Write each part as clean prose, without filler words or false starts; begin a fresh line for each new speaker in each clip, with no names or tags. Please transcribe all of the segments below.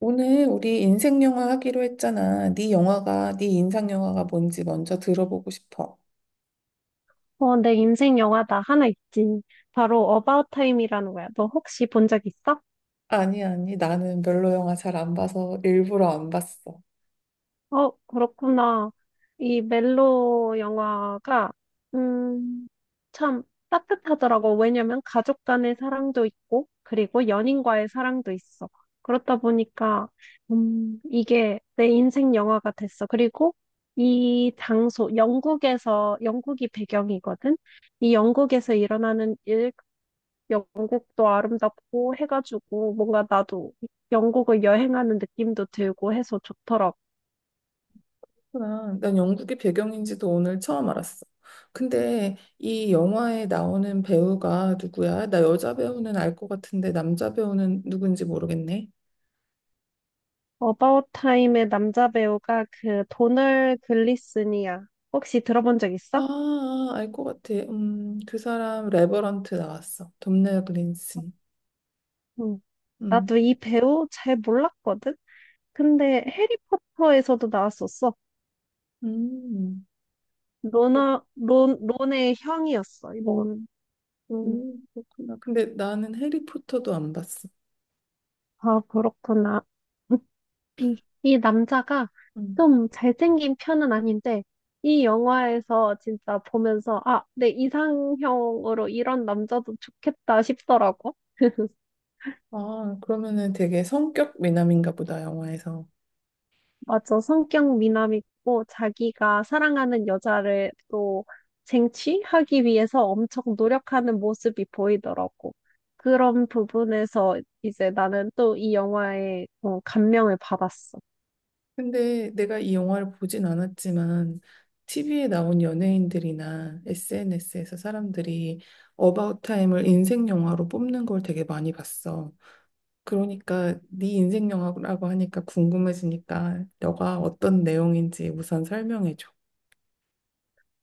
오늘 우리 인생 영화 하기로 했잖아. 네 영화가, 네 인상 영화가 뭔지 먼저 들어보고 싶어.
내 인생 영화 나 하나 있지. 바로 어바웃 타임이라는 거야. 너 혹시 본 적 있어?
아니, 아니, 나는 별로 영화 잘 안 봐서 일부러 안 봤어.
어, 그렇구나. 이 멜로 영화가 음, 참 따뜻하더라고. 왜냐면 가족 간의 사랑도 있고 그리고 연인과의 사랑도 있어. 그렇다 보니까 이게 내 인생 영화가 됐어. 그리고 이 장소 영국에서 영국이 배경이거든. 이 영국에서 일어나는 일 영국도 아름답고 해가지고 뭔가 나도 영국을 여행하는 느낌도 들고 해서 좋더라고.
그렇구나. 난 영국이 배경인지도 오늘 처음 알았어. 근데 이 영화에 나오는 배우가 누구야? 나 여자 배우는 알 것 같은데 남자 배우는 누군지 모르겠네.
어바웃 타임의 남자 배우가 그 도널 글리슨이야. 혹시 들어본 적 있어?
아, 알 것 같아. 그 사람 레버런트 나왔어. 돔나 그린슨.
응.
음,
나도 이 배우 잘 몰랐거든? 근데 해리포터에서도 나왔었어.
음.
론의 형이었어, 이거. 음.
오, 그렇구나. 근데 나는 해리포터도 안 봤어.
아, 그렇구나. 이 남자가
음.
좀 잘생긴 편은 아닌데, 이 영화에서 진짜 보면서, 아, 내 이상형으로 이런 남자도 좋겠다 싶더라고.
아, 그러면은 되게 성격 미남인가 보다, 영화에서.
맞아. 성격 미남이고, 자기가 사랑하는 여자를 또 쟁취하기 위해서 엄청 노력하는 모습이 보이더라고. 그런 부분에서 이제 나는 또 이 영화에 감명을 받았어.
근데 내가 이 영화를 보진 않았지만, TV에 나온 연예인들이나 SNS에서 사람들이 어바웃 타임을 인생 영화로 뽑는 걸 되게 많이 봤어. 그러니까 네 인생 영화라고 하니까 궁금해지니까 너가 어떤 내용인지 우선 설명해줘.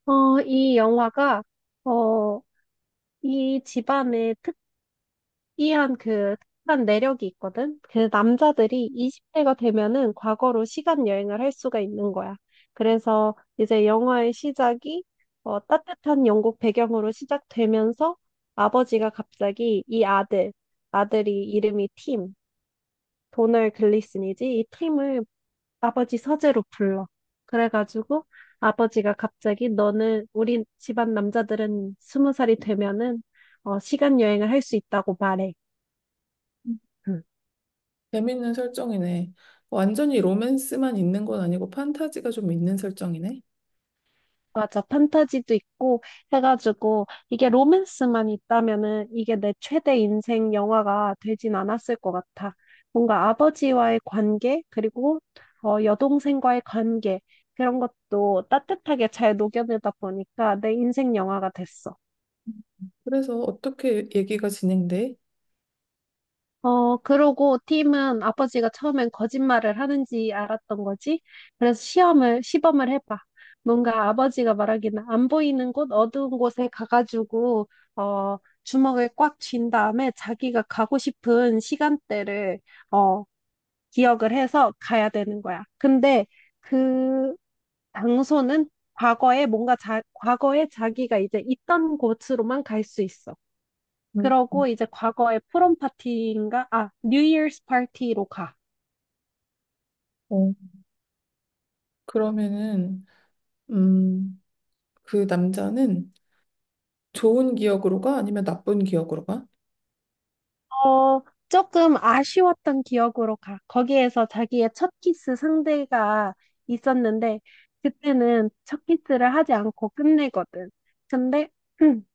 어, 이 영화가, 어, 이 집안의 특이한 그 특한 내력이 있거든. 그 남자들이 20대가 되면은 과거로 시간 여행을 할 수가 있는 거야. 그래서 이제 영화의 시작이 따뜻한 영국 배경으로 시작되면서 아버지가 갑자기 아들이 이름이 팀, 도널 글리슨이지, 이 팀을 아버지 서재로 불러. 그래가지고 아버지가 갑자기 너는 우리 집안 남자들은 스무 살이 되면은 시간 여행을 할 수 있다고 말해. 응.
재밌는 설정이네. 완전히 로맨스만 있는 건 아니고 판타지가 좀 있는 설정이네.
맞아. 판타지도 있고 해가지고 이게 로맨스만 있다면은 이게 내 최대 인생 영화가 되진 않았을 것 같아. 뭔가 아버지와의 관계, 그리고 여동생과의 관계, 그런 것도 따뜻하게 잘 녹여내다 보니까 내 인생 영화가 됐어.
그래서 어떻게 얘기가 진행돼?
그러고 팀은 아버지가 처음엔 거짓말을 하는지 알았던 거지. 그래서 시범을 해봐. 뭔가 아버지가 말하기는 안 보이는 곳, 어두운 곳에 가가지고, 어, 주먹을 꽉 쥔 다음에 자기가 가고 싶은 시간대를, 어, 기억을 해서 가야 되는 거야. 근데 그 장소는 과거에 과거에 자기가 이제 있던 곳으로만 갈 수 있어.
음,
그러고 이제 과거의 프롬 파티인가? 아, 뉴 이어스 파티로 가.
어, 그러면은, 음, 그 남자는 좋은 기억으로 가? 아니면 나쁜 기억으로 가?
어, 조금 아쉬웠던 기억으로 가. 거기에서 자기의 첫 키스 상대가 있었는데, 그때는 첫 키스를 하지 않고 끝내거든. 근데,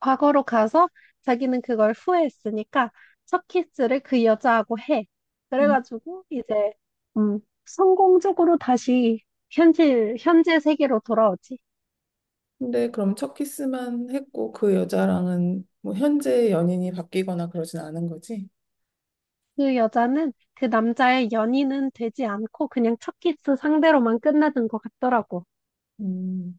과거로 가서 자기는 그걸 후회했으니까 첫 키스를 그 여자하고 해.
음.
그래가지고 이제, 성공적으로 다시 현재 세계로 돌아오지.
근데 그럼 첫 키스만 했고 그 여자랑은 뭐 현재 연인이 바뀌거나 그러진 않은 거지?
그 여자는 그 남자의 연인은 되지 않고 그냥 첫 키스 상대로만 끝나는 것 같더라고.
음,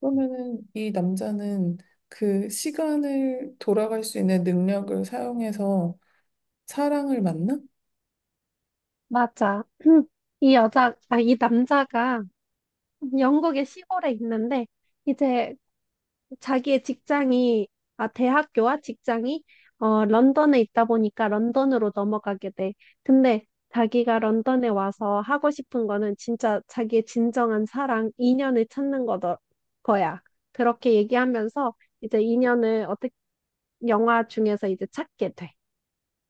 그러면은 이 남자는 그 시간을 돌아갈 수 있는 능력을 사용해서 사랑을 만나?
맞아. 이 남자가 영국의 시골에 있는데 이제 자기의 직장이, 대학교와 직장이, 런던에 있다 보니까 런던으로 넘어가게 돼. 근데 자기가 런던에 와서 하고 싶은 거는 진짜 자기의 진정한 사랑, 인연을 찾는 거야. 그렇게 얘기하면서 이제 인연을 어떻게, 영화 중에서 이제 찾게 돼.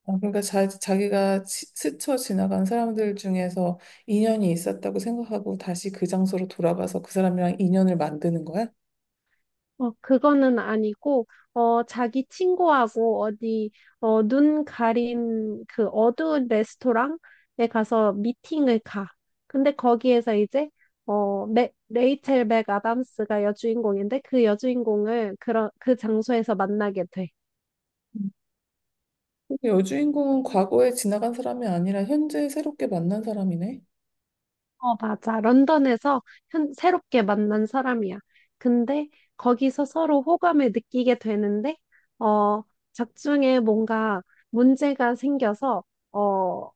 아, 그러니까 자기가 스쳐 지나간 사람들 중에서 인연이 있었다고 생각하고 다시 그 장소로 돌아가서 그 사람이랑 인연을 만드는 거야?
그거는 아니고, 자기 친구하고 어디, 눈 가린 그 어두운 레스토랑에 가서 미팅을 가. 근데 거기에서 이제, 레이첼 맥 아담스가 여주인공인데 그 여주인공을 그 장소에서 만나게 돼.
음. 여주인공은 과거에 지나간 사람이 아니라 현재 새롭게 만난 사람이네?
어, 맞아. 런던에서 새롭게 만난 사람이야. 근데 거기서 서로 호감을 느끼게 되는데, 어, 작중에 뭔가 문제가 생겨서, 어,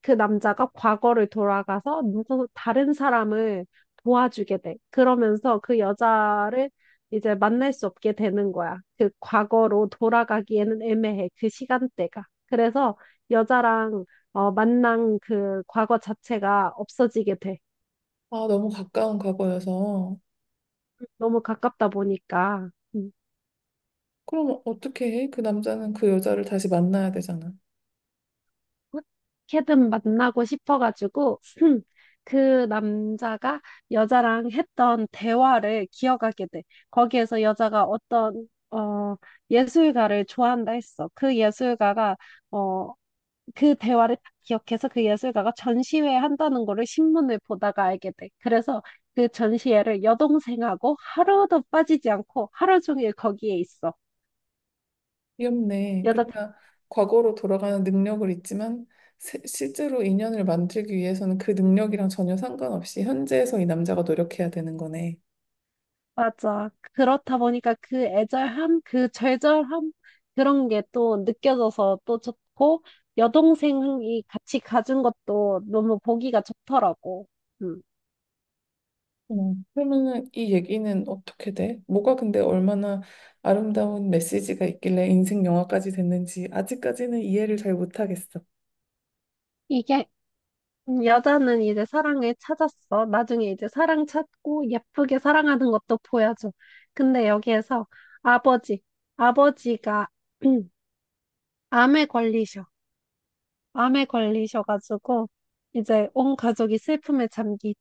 그 남자가 과거를 돌아가서 누구 다른 사람을 도와주게 돼. 그러면서 그 여자를 이제 만날 수 없게 되는 거야. 그 과거로 돌아가기에는 애매해. 그 시간대가. 그래서 여자랑 만난 그 과거 자체가 없어지게 돼.
아, 너무 가까운 과거여서.
너무 가깝다 보니까. 음.
그럼 어떻게 해? 그 남자는 그 여자를 다시 만나야 되잖아.
어떻게든 만나고 싶어가지고 그 남자가 여자랑 했던 대화를 기억하게 돼. 거기에서 여자가 어떤 예술가를 좋아한다 했어. 그 예술가가 어 그 대화를 딱 기억해서 그 예술가가 전시회 한다는 거를 신문을 보다가 알게 돼. 그래서 그 전시회를 여동생하고 하루도 빠지지 않고 하루 종일 거기에 있어.
귀엽네.
여자
그러니까 과거로 돌아가는 능력을 있지만 실제로 인연을 만들기 위해서는 그 능력이랑 전혀 상관없이 현재에서 이 남자가 노력해야 되는 거네.
맞아. 그렇다 보니까 그 애절함, 그 절절함, 그런 게 또 느껴져서 또 좋고, 여동생이 같이 가준 것도 너무 보기가 좋더라고. 음.
어, 그러면은 이 얘기는 어떻게 돼? 뭐가 근데 얼마나 아름다운 메시지가 있길래 인생 영화까지 됐는지 아직까지는 이해를 잘 못하겠어.
이게, 여자는 이제 사랑을 찾았어. 나중에 이제 사랑 찾고 예쁘게 사랑하는 것도 보여줘. 근데 여기에서 아버지, 아버지가 암에 걸리셔. 암에 걸리셔가지고, 이제 온 가족이 슬픔에 잠기지.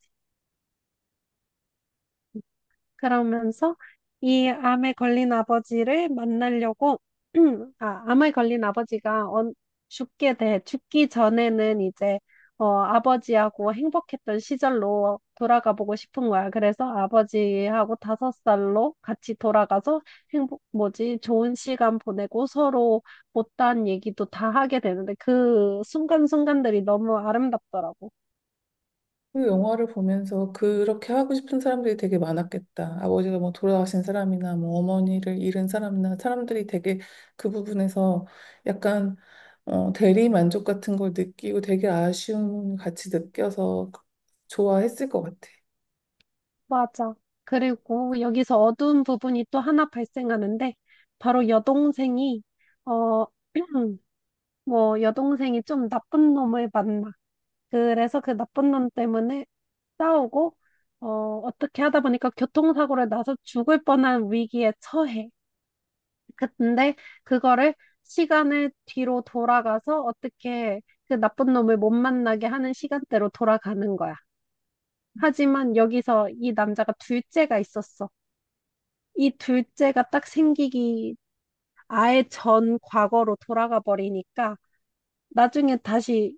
그러면서 이 암에 걸린 아버지를 만나려고, 아, 암에 걸린 아버지가 언- 죽게 돼, 죽기 전에는 이제, 아버지하고 행복했던 시절로 돌아가 보고 싶은 거야. 그래서 아버지하고 다섯 살로 같이 돌아가서 좋은 시간 보내고 서로 못다한 얘기도 다 하게 되는데 그 순간순간들이 너무 아름답더라고.
그 영화를 보면서 그렇게 하고 싶은 사람들이 되게 많았겠다. 아버지가 뭐 돌아가신 사람이나 뭐 어머니를 잃은 사람이나 사람들이 되게 그 부분에서 약간 어, 대리 만족 같은 걸 느끼고 되게 아쉬움 같이 느껴서 좋아했을 것 같아.
맞아. 그리고 여기서 어두운 부분이 또 하나 발생하는데, 바로 어, 뭐, 여동생이 좀 나쁜 놈을 만나. 그래서 그 나쁜 놈 때문에 싸우고, 어, 어떻게 하다 보니까 교통사고를 나서 죽을 뻔한 위기에 처해. 근데 그거를 시간을 뒤로 돌아가서 어떻게 그 나쁜 놈을 못 만나게 하는 시간대로 돌아가는 거야. 하지만 여기서 이 남자가 둘째가 있었어. 이 둘째가 딱 생기기 아예 전 과거로 돌아가 버리니까 나중에 다시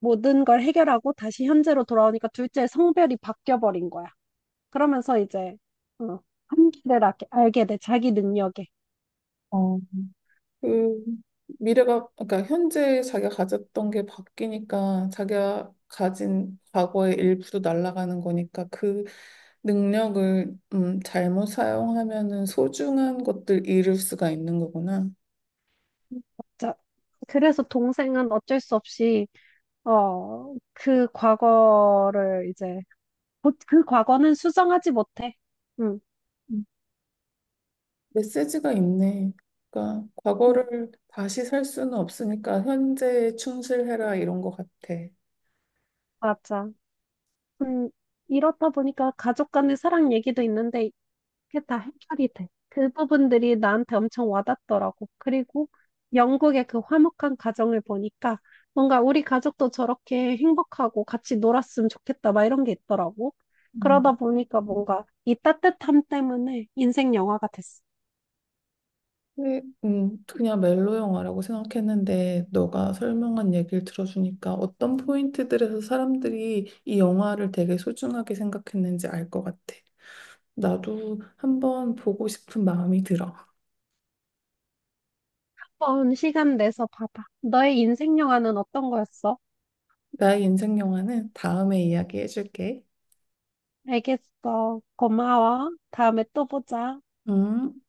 모든 걸 해결하고 다시 현재로 돌아오니까 둘째의 성별이 바뀌어 버린 거야. 그러면서 이제 어, 한계를 알게 돼, 자기 능력에.
그 미래가 그러니까 현재 자기가 가졌던 게 바뀌니까 자기가 가진 과거의 일부도 날아가는 거니까 그 능력을 잘못 사용하면은 소중한 것들 잃을 수가 있는 거구나.
자, 그래서 동생은 어쩔 수 없이 그 과거를 이제, 그 과거는 수정하지 못해. 응,
음, 메시지가 있네. 그러니까
응,
과거를 다시 살 수는 없으니까 현재에 충실해라 이런 것 같아.
맞아. 음, 이렇다 보니까 가족 간의 사랑 얘기도 있는데, 이게 다 해결이 돼. 그 부분들이 나한테 엄청 와닿더라고. 그리고 영국의 그 화목한 가정을 보니까, 뭔가 우리 가족도 저렇게 행복하고 같이 놀았으면 좋겠다, 막 이런 게 있더라고. 그러다
음.
보니까 뭔가 이 따뜻함 때문에 인생 영화가 됐어.
네, 그냥 멜로 영화라고 생각했는데 너가 설명한 얘기를 들어주니까 어떤 포인트들에서 사람들이 이 영화를 되게 소중하게 생각했는지 알 것 같아. 나도 한번 보고 싶은 마음이 들어.
한번 시간 내서 봐봐. 너의 인생 영화는 어떤 거였어?
나의 인생 영화는 다음에 이야기해줄게.
알겠어. 고마워. 다음에 또 보자.
음.